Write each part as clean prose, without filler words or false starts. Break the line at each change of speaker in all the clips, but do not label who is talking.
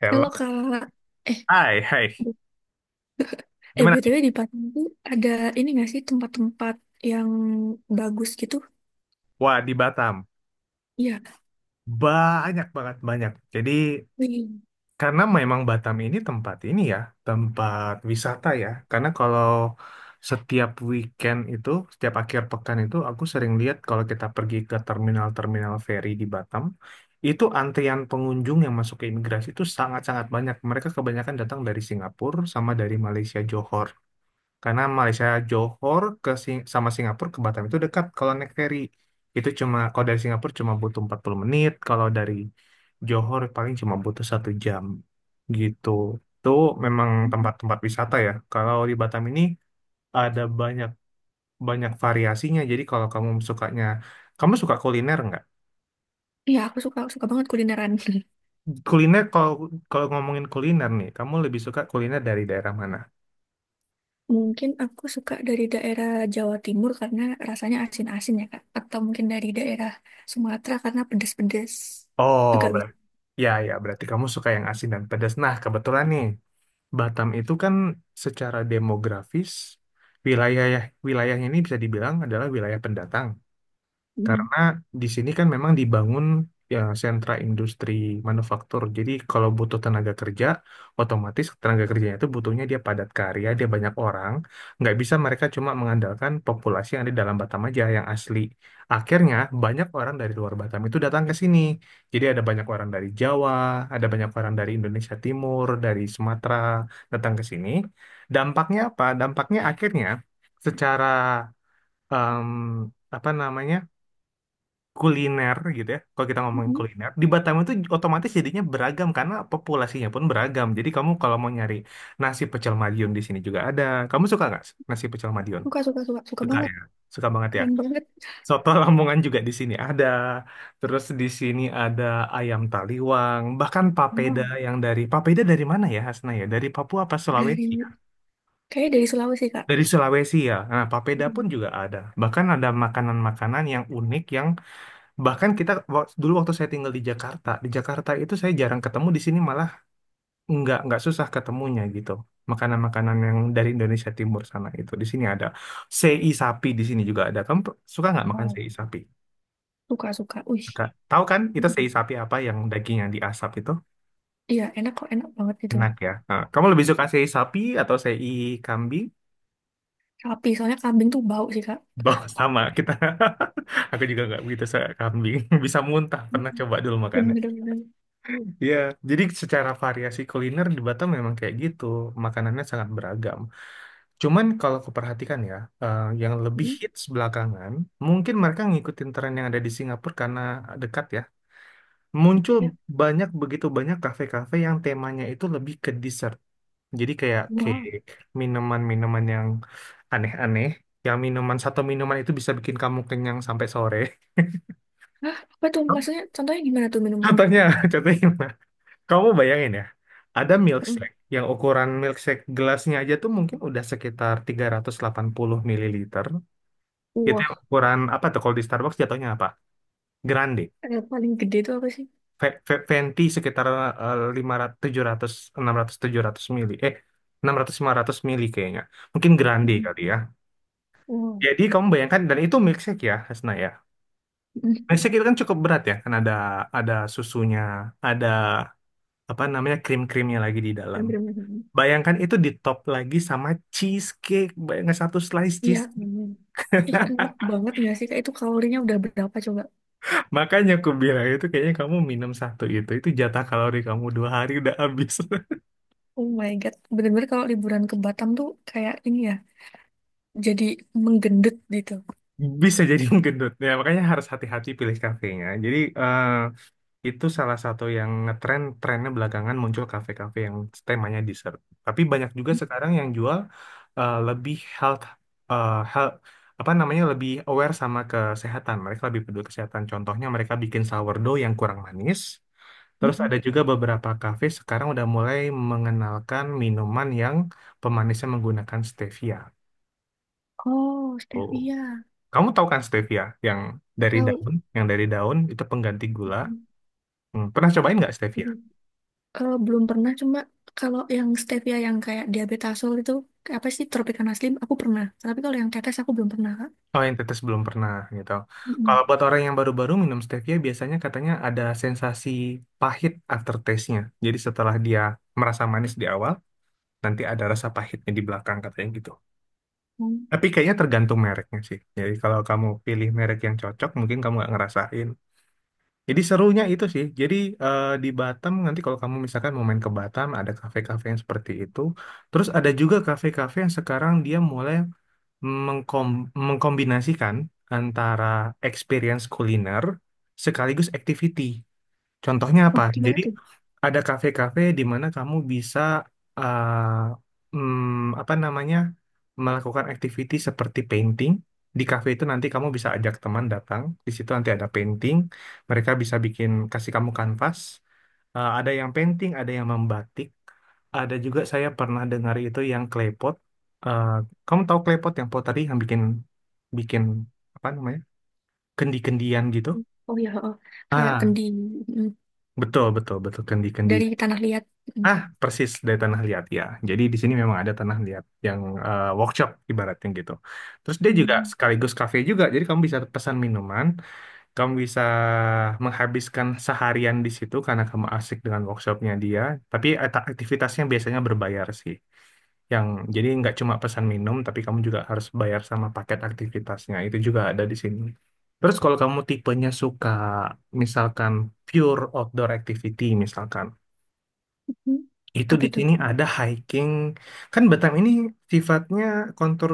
Hello,
Kalau Kak, eh,
hai, hai.
bu- eh
Gimana nih?
BTW di Padang tuh ada ini nggak sih tempat-tempat yang bagus gitu?
Wah, di Batam.
Iya,
Banyak banget, banyak. Jadi,
wih.
karena memang Batam ini tempat wisata ya. Karena kalau setiap weekend itu, setiap akhir pekan itu, aku sering lihat kalau kita pergi ke terminal-terminal feri di Batam, itu antrian pengunjung yang masuk ke imigrasi itu sangat-sangat banyak. Mereka kebanyakan datang dari Singapura sama dari Malaysia, Johor. Karena Malaysia Johor ke sama Singapura ke Batam itu dekat kalau naik ferry. Itu cuma kalau dari Singapura cuma butuh 40 menit, kalau dari Johor paling cuma butuh 1 jam gitu. Itu memang tempat-tempat wisata ya. Kalau di Batam ini ada banyak banyak variasinya. Jadi kalau kamu suka kuliner nggak?
Iya aku suka, suka banget kulineran.
Kuliner. Kalau kalau ngomongin kuliner nih, kamu lebih suka kuliner dari daerah mana?
Mungkin aku suka dari daerah Jawa Timur karena rasanya asin-asin ya Kak. Atau mungkin dari daerah Sumatera karena pedes-pedes
Oh,
juga bisa.
berarti ya, berarti kamu suka yang asin dan pedas. Nah, kebetulan nih. Batam itu kan secara demografis wilayah wilayahnya ini bisa dibilang adalah wilayah pendatang.
Mhm.
Karena di sini kan memang dibangun ya sentra industri manufaktur. Jadi kalau butuh tenaga kerja, otomatis tenaga kerjanya itu butuhnya dia padat karya, dia banyak orang. Nggak bisa mereka cuma mengandalkan populasi yang ada di dalam Batam aja yang asli. Akhirnya banyak orang dari luar Batam itu datang ke sini. Jadi ada banyak orang dari Jawa, ada banyak orang dari Indonesia Timur, dari Sumatera datang ke sini. Dampaknya apa? Dampaknya akhirnya secara em, apa namanya? Kuliner gitu ya. Kalau kita ngomongin
Mhm.
kuliner, di Batam itu otomatis jadinya beragam karena populasinya pun beragam. Jadi kamu kalau mau nyari nasi pecel Madiun di sini juga ada. Kamu suka nggak nasi pecel Madiun?
Suka, suka, suka, suka
Suka
banget.
ya. Suka banget ya.
Keren banget.
Soto Lamongan juga di sini ada. Terus di sini ada ayam taliwang, bahkan papeda
Wow.
yang dari papeda dari mana ya Hasna ya? Dari Papua apa
Dari,
Sulawesi, ya?
Kayaknya dari Sulawesi Kak.
Dari Sulawesi ya. Nah, papeda
Mhm.
pun juga ada. Bahkan ada makanan-makanan yang unik yang... Bahkan dulu waktu saya tinggal di Jakarta itu saya jarang ketemu, di sini malah nggak susah ketemunya gitu. Makanan-makanan yang dari Indonesia Timur sana itu di sini ada, sei sapi di sini juga ada. Kamu suka nggak makan
Wow.
sei sapi?
Suka, suka. Wih.
Suka. Tahu kan itu sei
Mhm.
sapi, apa yang daging yang diasap itu
Iya, enak kok, enak banget itu.
enak ya. Nah, kamu lebih suka sei sapi atau sei kambing?
Sapi, soalnya kambing tuh bau sih, Kak.
Bah, sama kita. Aku juga nggak begitu suka kambing. Bisa muntah. Pernah
Mm-mm.
coba dulu
Bener,
makannya.
bener. Bener.
Iya, jadi secara variasi kuliner di Batam memang kayak gitu, makanannya sangat beragam. Cuman kalau aku perhatikan ya, yang lebih
Mm.
hits belakangan, mungkin mereka ngikutin tren yang ada di Singapura karena dekat ya. Muncul
Ya,
begitu banyak kafe-kafe yang temanya itu lebih ke dessert. Jadi kayak
wah.
cake, minuman-minuman yang aneh-aneh, yang minuman satu minuman itu bisa bikin kamu kenyang sampai sore.
Hah, apa tuh? Maksudnya contohnya gimana tuh minumannya?
Contohnya, contohnya gimana? Kamu bayangin ya, ada
Mm.
milkshake yang ukuran milkshake gelasnya aja tuh mungkin udah sekitar 380 ml. Itu yang
Wah.
ukuran apa tuh kalau di Starbucks jatuhnya apa? Grande.
Yang paling gede tuh apa sih?
Venti sekitar 500, 700, 600, 700 ml. Eh, 600, 500 ml kayaknya. Mungkin grande
Mm.
kali ya.
Wah.
Jadi kamu bayangkan, dan itu milkshake ya, Hasna ya.
Mm.
Milkshake itu kan cukup berat ya, kan ada susunya, ada apa namanya krim-krimnya lagi di dalam.
Bener-bener.
Bayangkan itu di top lagi sama cheesecake. Bayangkan satu slice
Iya.
cheesecake.
Bener. Ih, enak banget gak sih? Kak itu kalorinya udah berapa coba?
Makanya aku bilang itu kayaknya kamu minum satu itu. Itu jatah kalori kamu 2 hari udah habis.
Oh my God. Bener-bener kalau liburan ke Batam tuh kayak ini ya. Jadi menggendut gitu.
Bisa jadi gendut. Ya, makanya harus hati-hati pilih kafenya. Jadi itu salah satu yang ngetren, trennya belakangan muncul kafe-kafe yang temanya dessert. Tapi banyak juga
Mm.
sekarang yang jual lebih health, eh, health, apa namanya lebih aware sama kesehatan. Mereka lebih peduli kesehatan. Contohnya mereka bikin sourdough yang kurang manis. Terus
Mm.
ada juga beberapa kafe sekarang udah mulai mengenalkan minuman yang pemanisnya menggunakan stevia.
Oh,
Oh,
stevia.
kamu tahu kan stevia yang dari
Tahu.
daun itu pengganti gula. Pernah cobain nggak stevia?
Mm-mm. Eh, belum pernah, cuma kalau yang stevia yang kayak diabetasol itu, kayak apa sih, tropicana slim, aku pernah. Tapi kalau yang tetes aku belum pernah, Kak.
Oh, yang tetes belum pernah gitu. Kalau
Mm-mm.
buat orang yang baru-baru minum stevia, biasanya katanya ada sensasi pahit aftertaste-nya. Jadi setelah dia merasa manis di awal, nanti ada rasa pahitnya di belakang katanya gitu.
Hmm.
Tapi kayaknya tergantung mereknya sih. Jadi kalau kamu pilih merek yang cocok, mungkin kamu nggak ngerasain. Jadi serunya itu sih. Jadi di Batam nanti kalau kamu misalkan mau main ke Batam, ada kafe-kafe yang seperti itu. Terus ada juga kafe-kafe yang sekarang dia mulai mengkom mengkombinasikan antara experience kuliner sekaligus activity. Contohnya apa?
Oh, gimana
Jadi
tuh?
ada kafe-kafe di mana kamu bisa apa namanya melakukan activity seperti painting. Di kafe itu nanti kamu bisa ajak teman datang. Di situ nanti ada painting. Mereka bisa kasih kamu kanvas. Ada yang painting, ada yang membatik, ada juga saya pernah dengar itu yang klepot. Eh, kamu tahu klepot yang pottery yang bikin bikin apa namanya? Kendi-kendian gitu?
Oh ya, oh. Kayak
Ah,
kendi mm,
betul betul betul kendi-kendi.
dari tanah liat. Mm.
Ah, persis dari tanah liat ya. Jadi di sini memang ada tanah liat yang workshop ibaratnya gitu. Terus dia juga
Mm.
sekaligus kafe juga. Jadi kamu bisa pesan minuman, kamu bisa menghabiskan seharian di situ karena kamu asik dengan workshopnya dia. Tapi aktivitasnya biasanya berbayar sih. Yang jadi nggak cuma pesan minum, tapi kamu juga harus bayar sama paket aktivitasnya. Itu juga ada di sini. Terus kalau kamu tipenya suka misalkan pure outdoor activity misalkan,
Mm.
itu
Apa
di
tuh?
sini ada hiking. Kan Batam ini sifatnya kontur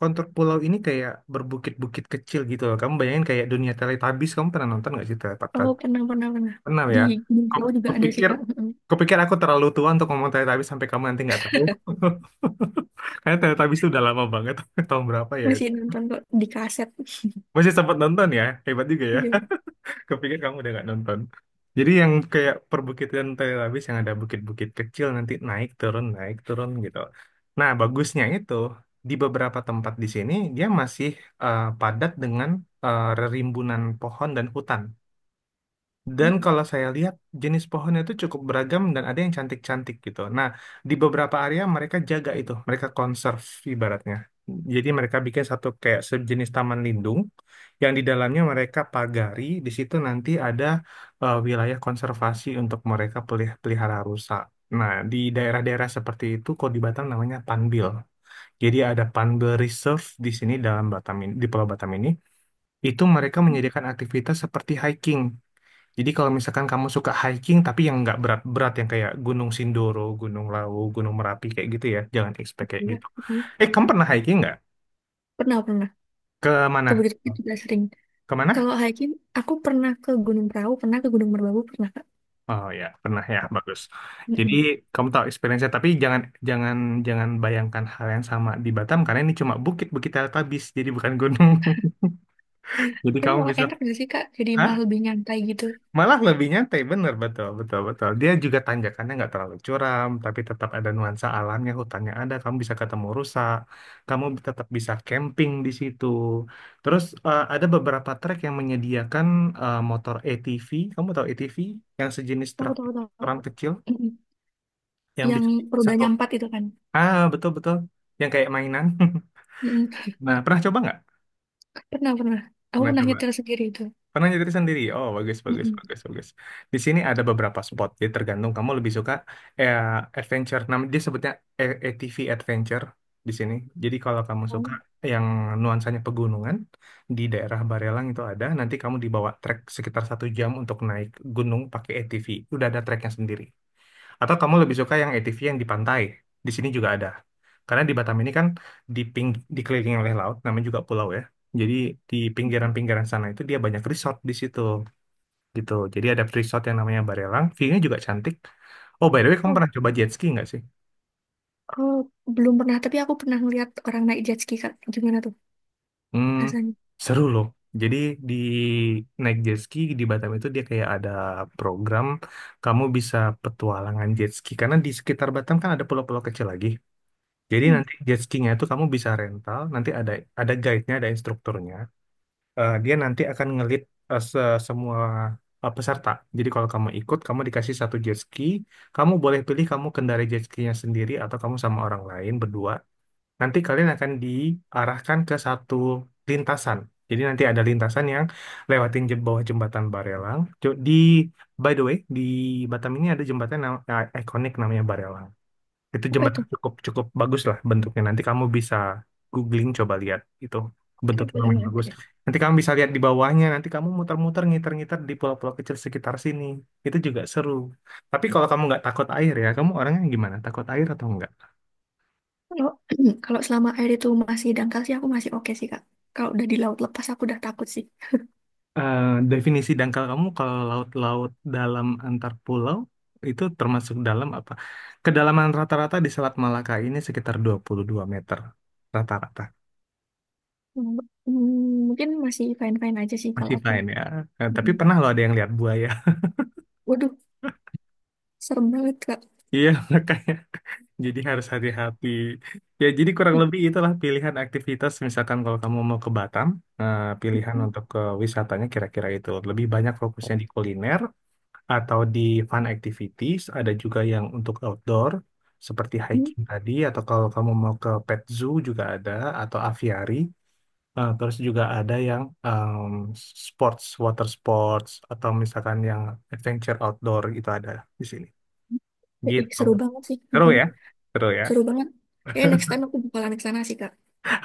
kontur pulau ini kayak berbukit-bukit kecil gitu loh. Kamu bayangin kayak dunia Teletubbies. Kamu pernah nonton nggak sih
Oh,
Teletubbies?
pernah, pernah, pernah.
Pernah
Di
ya?
Minangkabau
Ku-
juga ada sih,
Kupikir
Kak.
kupikir aku terlalu tua untuk ngomong Teletubbies sampai kamu nanti nggak tahu. Karena Teletubbies itu udah lama banget. Tahun berapa ya?
Masih nonton kok di kaset.
Masih sempat nonton ya? Hebat juga ya.
Iya.
Kupikir kamu udah gak nonton. Jadi yang kayak perbukitan Tel Aviv yang ada bukit-bukit kecil nanti naik turun gitu. Nah, bagusnya itu di beberapa tempat di sini dia masih padat dengan eh, rimbunan pohon dan hutan.
Mm.
Dan kalau saya lihat jenis pohonnya itu cukup beragam dan ada yang cantik-cantik gitu. Nah, di beberapa area mereka jaga itu, mereka conserve ibaratnya. Jadi mereka bikin satu kayak sejenis taman lindung yang di dalamnya mereka pagari, di situ nanti ada wilayah konservasi untuk mereka pelihara rusa. Nah, di daerah-daerah seperti itu kalau di Batam namanya Panbil. Jadi ada Panbil Reserve di sini, dalam Batam ini, di Pulau Batam ini. Itu mereka menyediakan aktivitas seperti hiking. Jadi kalau misalkan kamu suka hiking tapi yang nggak berat-berat yang kayak Gunung Sindoro, Gunung Lawu, Gunung Merapi kayak gitu ya, jangan expect kayak
Iya.
gitu.
Mm.
Kamu pernah hiking nggak?
Pernah, pernah.
Ke mana?
Kebegitu juga sering.
Ke mana?
Kalau hiking, aku pernah ke Gunung Prau, pernah ke Gunung Merbabu, pernah, Kak.
Oh ya, pernah ya, bagus. Jadi
Mm.
kamu tahu experience-nya tapi jangan jangan jangan bayangkan hal yang sama di Batam, karena ini cuma bukit-bukit teletabis, jadi bukan gunung. Jadi
Tapi
kamu
malah
bisa...
enak gak sih Kak? Jadi
Hah?
malah lebih nyantai gitu.
Malah lebih nyantai, bener, betul, betul, betul. Dia juga tanjakannya nggak terlalu curam, tapi tetap ada nuansa alamnya, hutannya ada, kamu bisa ketemu rusa, kamu tetap bisa camping di situ. Terus ada beberapa trek yang menyediakan motor ATV, kamu tahu ATV? Yang sejenis
Tahu,
truk
tahu, tahu.
orang kecil,
Mm-mm.
yang
Yang
bisa satu.
rodanya empat itu kan.
Ah, betul, betul. Yang kayak mainan.
Mm-mm.
Nah, pernah coba nggak?
Pernah, pernah. Aku
Pernah
pernah
coba.
nyetir sendiri itu.
Pernah nyetir sendiri? Oh, bagus, bagus,
Mm-mm.
bagus, bagus. Di sini ada beberapa spot. Jadi tergantung kamu lebih suka eh, adventure. Dia sebutnya ATV adventure di sini. Jadi kalau kamu
Oh,
suka yang nuansanya pegunungan di daerah Barelang itu ada. Nanti kamu dibawa trek sekitar 1 jam untuk naik gunung pakai ATV. Udah ada treknya sendiri. Atau kamu lebih suka yang ATV yang di pantai? Di sini juga ada. Karena di Batam ini kan di ping, dikelilingi oleh laut, namanya juga pulau ya. Jadi di pinggiran-pinggiran sana itu dia banyak resort di situ gitu. Jadi ada resort yang namanya Barelang, view-nya juga cantik. Oh, by the way, kamu
oh.
pernah coba jet ski nggak sih?
Oh, belum pernah. Tapi aku pernah ngeliat orang naik jet ski Kak. Gimana tuh
Hmm,
rasanya?
seru loh. Jadi di naik jet ski di Batam itu dia kayak ada program kamu bisa petualangan jet ski. Karena di sekitar Batam kan ada pulau-pulau kecil lagi. Jadi
Hmm.
nanti jet skiing-nya itu kamu bisa rental, nanti ada guide-nya, ada instrukturnya. Dia nanti akan eh, se- semua peserta. Jadi kalau kamu ikut, kamu dikasih satu jet ski, kamu boleh pilih kamu kendarai jet ski-nya sendiri atau kamu sama orang lain berdua. Nanti kalian akan diarahkan ke satu lintasan. Jadi nanti ada lintasan yang lewatin bawah jembatan Barelang. Jo- Di by the way, di Batam ini ada jembatan ikonik namanya Barelang. Itu
Apa itu?
jembatan cukup cukup bagus lah bentuknya. Nanti kamu bisa googling coba lihat itu
Oke,
bentuknya
boleh
lumayan
banget
bagus.
ya.
Nanti kamu bisa lihat di bawahnya. Nanti kamu muter-muter ngiter-ngiter di pulau-pulau kecil sekitar sini. Itu juga seru. Tapi kalau kamu nggak takut air ya, kamu orangnya gimana? Takut air atau nggak?
Kalau kalau selama air itu masih dangkal sih aku masih oke sih Kak. Kalau udah di laut lepas aku udah takut sih.
Eh, definisi dangkal kamu kalau laut-laut dalam antar pulau itu termasuk dalam apa? Kedalaman rata-rata di Selat Malaka ini sekitar 22 meter rata-rata.
Hmm, hmm, mungkin masih fine-fine aja sih kalau
Masih
aku.
fine ya. Tapi
Mm-mm.
pernah loh ada yang lihat buaya.
Waduh, serem banget Kak.
Iya, makanya jadi harus hati-hati. Ya, jadi kurang
Ih.
lebih itulah pilihan aktivitas. Misalkan kalau kamu mau ke Batam, pilihan untuk ke wisatanya kira-kira itu. Lebih banyak fokusnya di kuliner atau di fun activities. Ada juga yang untuk outdoor, seperti
Hmm.
hiking tadi, atau kalau kamu mau ke pet zoo juga ada, atau aviary. Terus juga ada yang sports, water sports, atau misalkan yang adventure outdoor itu ada di sini.
Ih,
Gitu.
seru banget sih.
Seru
Mm-mm.
ya? Seru ya?
Seru banget. Kayaknya next time aku bakalan ke sana sih, Kak.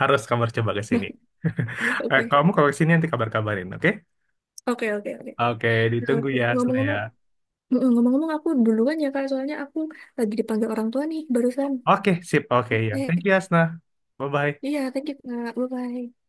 Harus kabar coba ke sini. Eh,
Oke.
kamu kalau ke sini nanti kabar-kabarin, oke?
Oke, oke, oke.
Oke,
Nah,
ditunggu ya, Asna ya.
Ngomong-ngomong, ngomong-ngomong aku duluan ya, Kak. Soalnya aku lagi dipanggil orang tua nih, barusan.
Oke, sip. Oke, ya.
Oke.
Thank you, Asna. Bye-bye.
Iya, thank you, Kak. Bye-bye.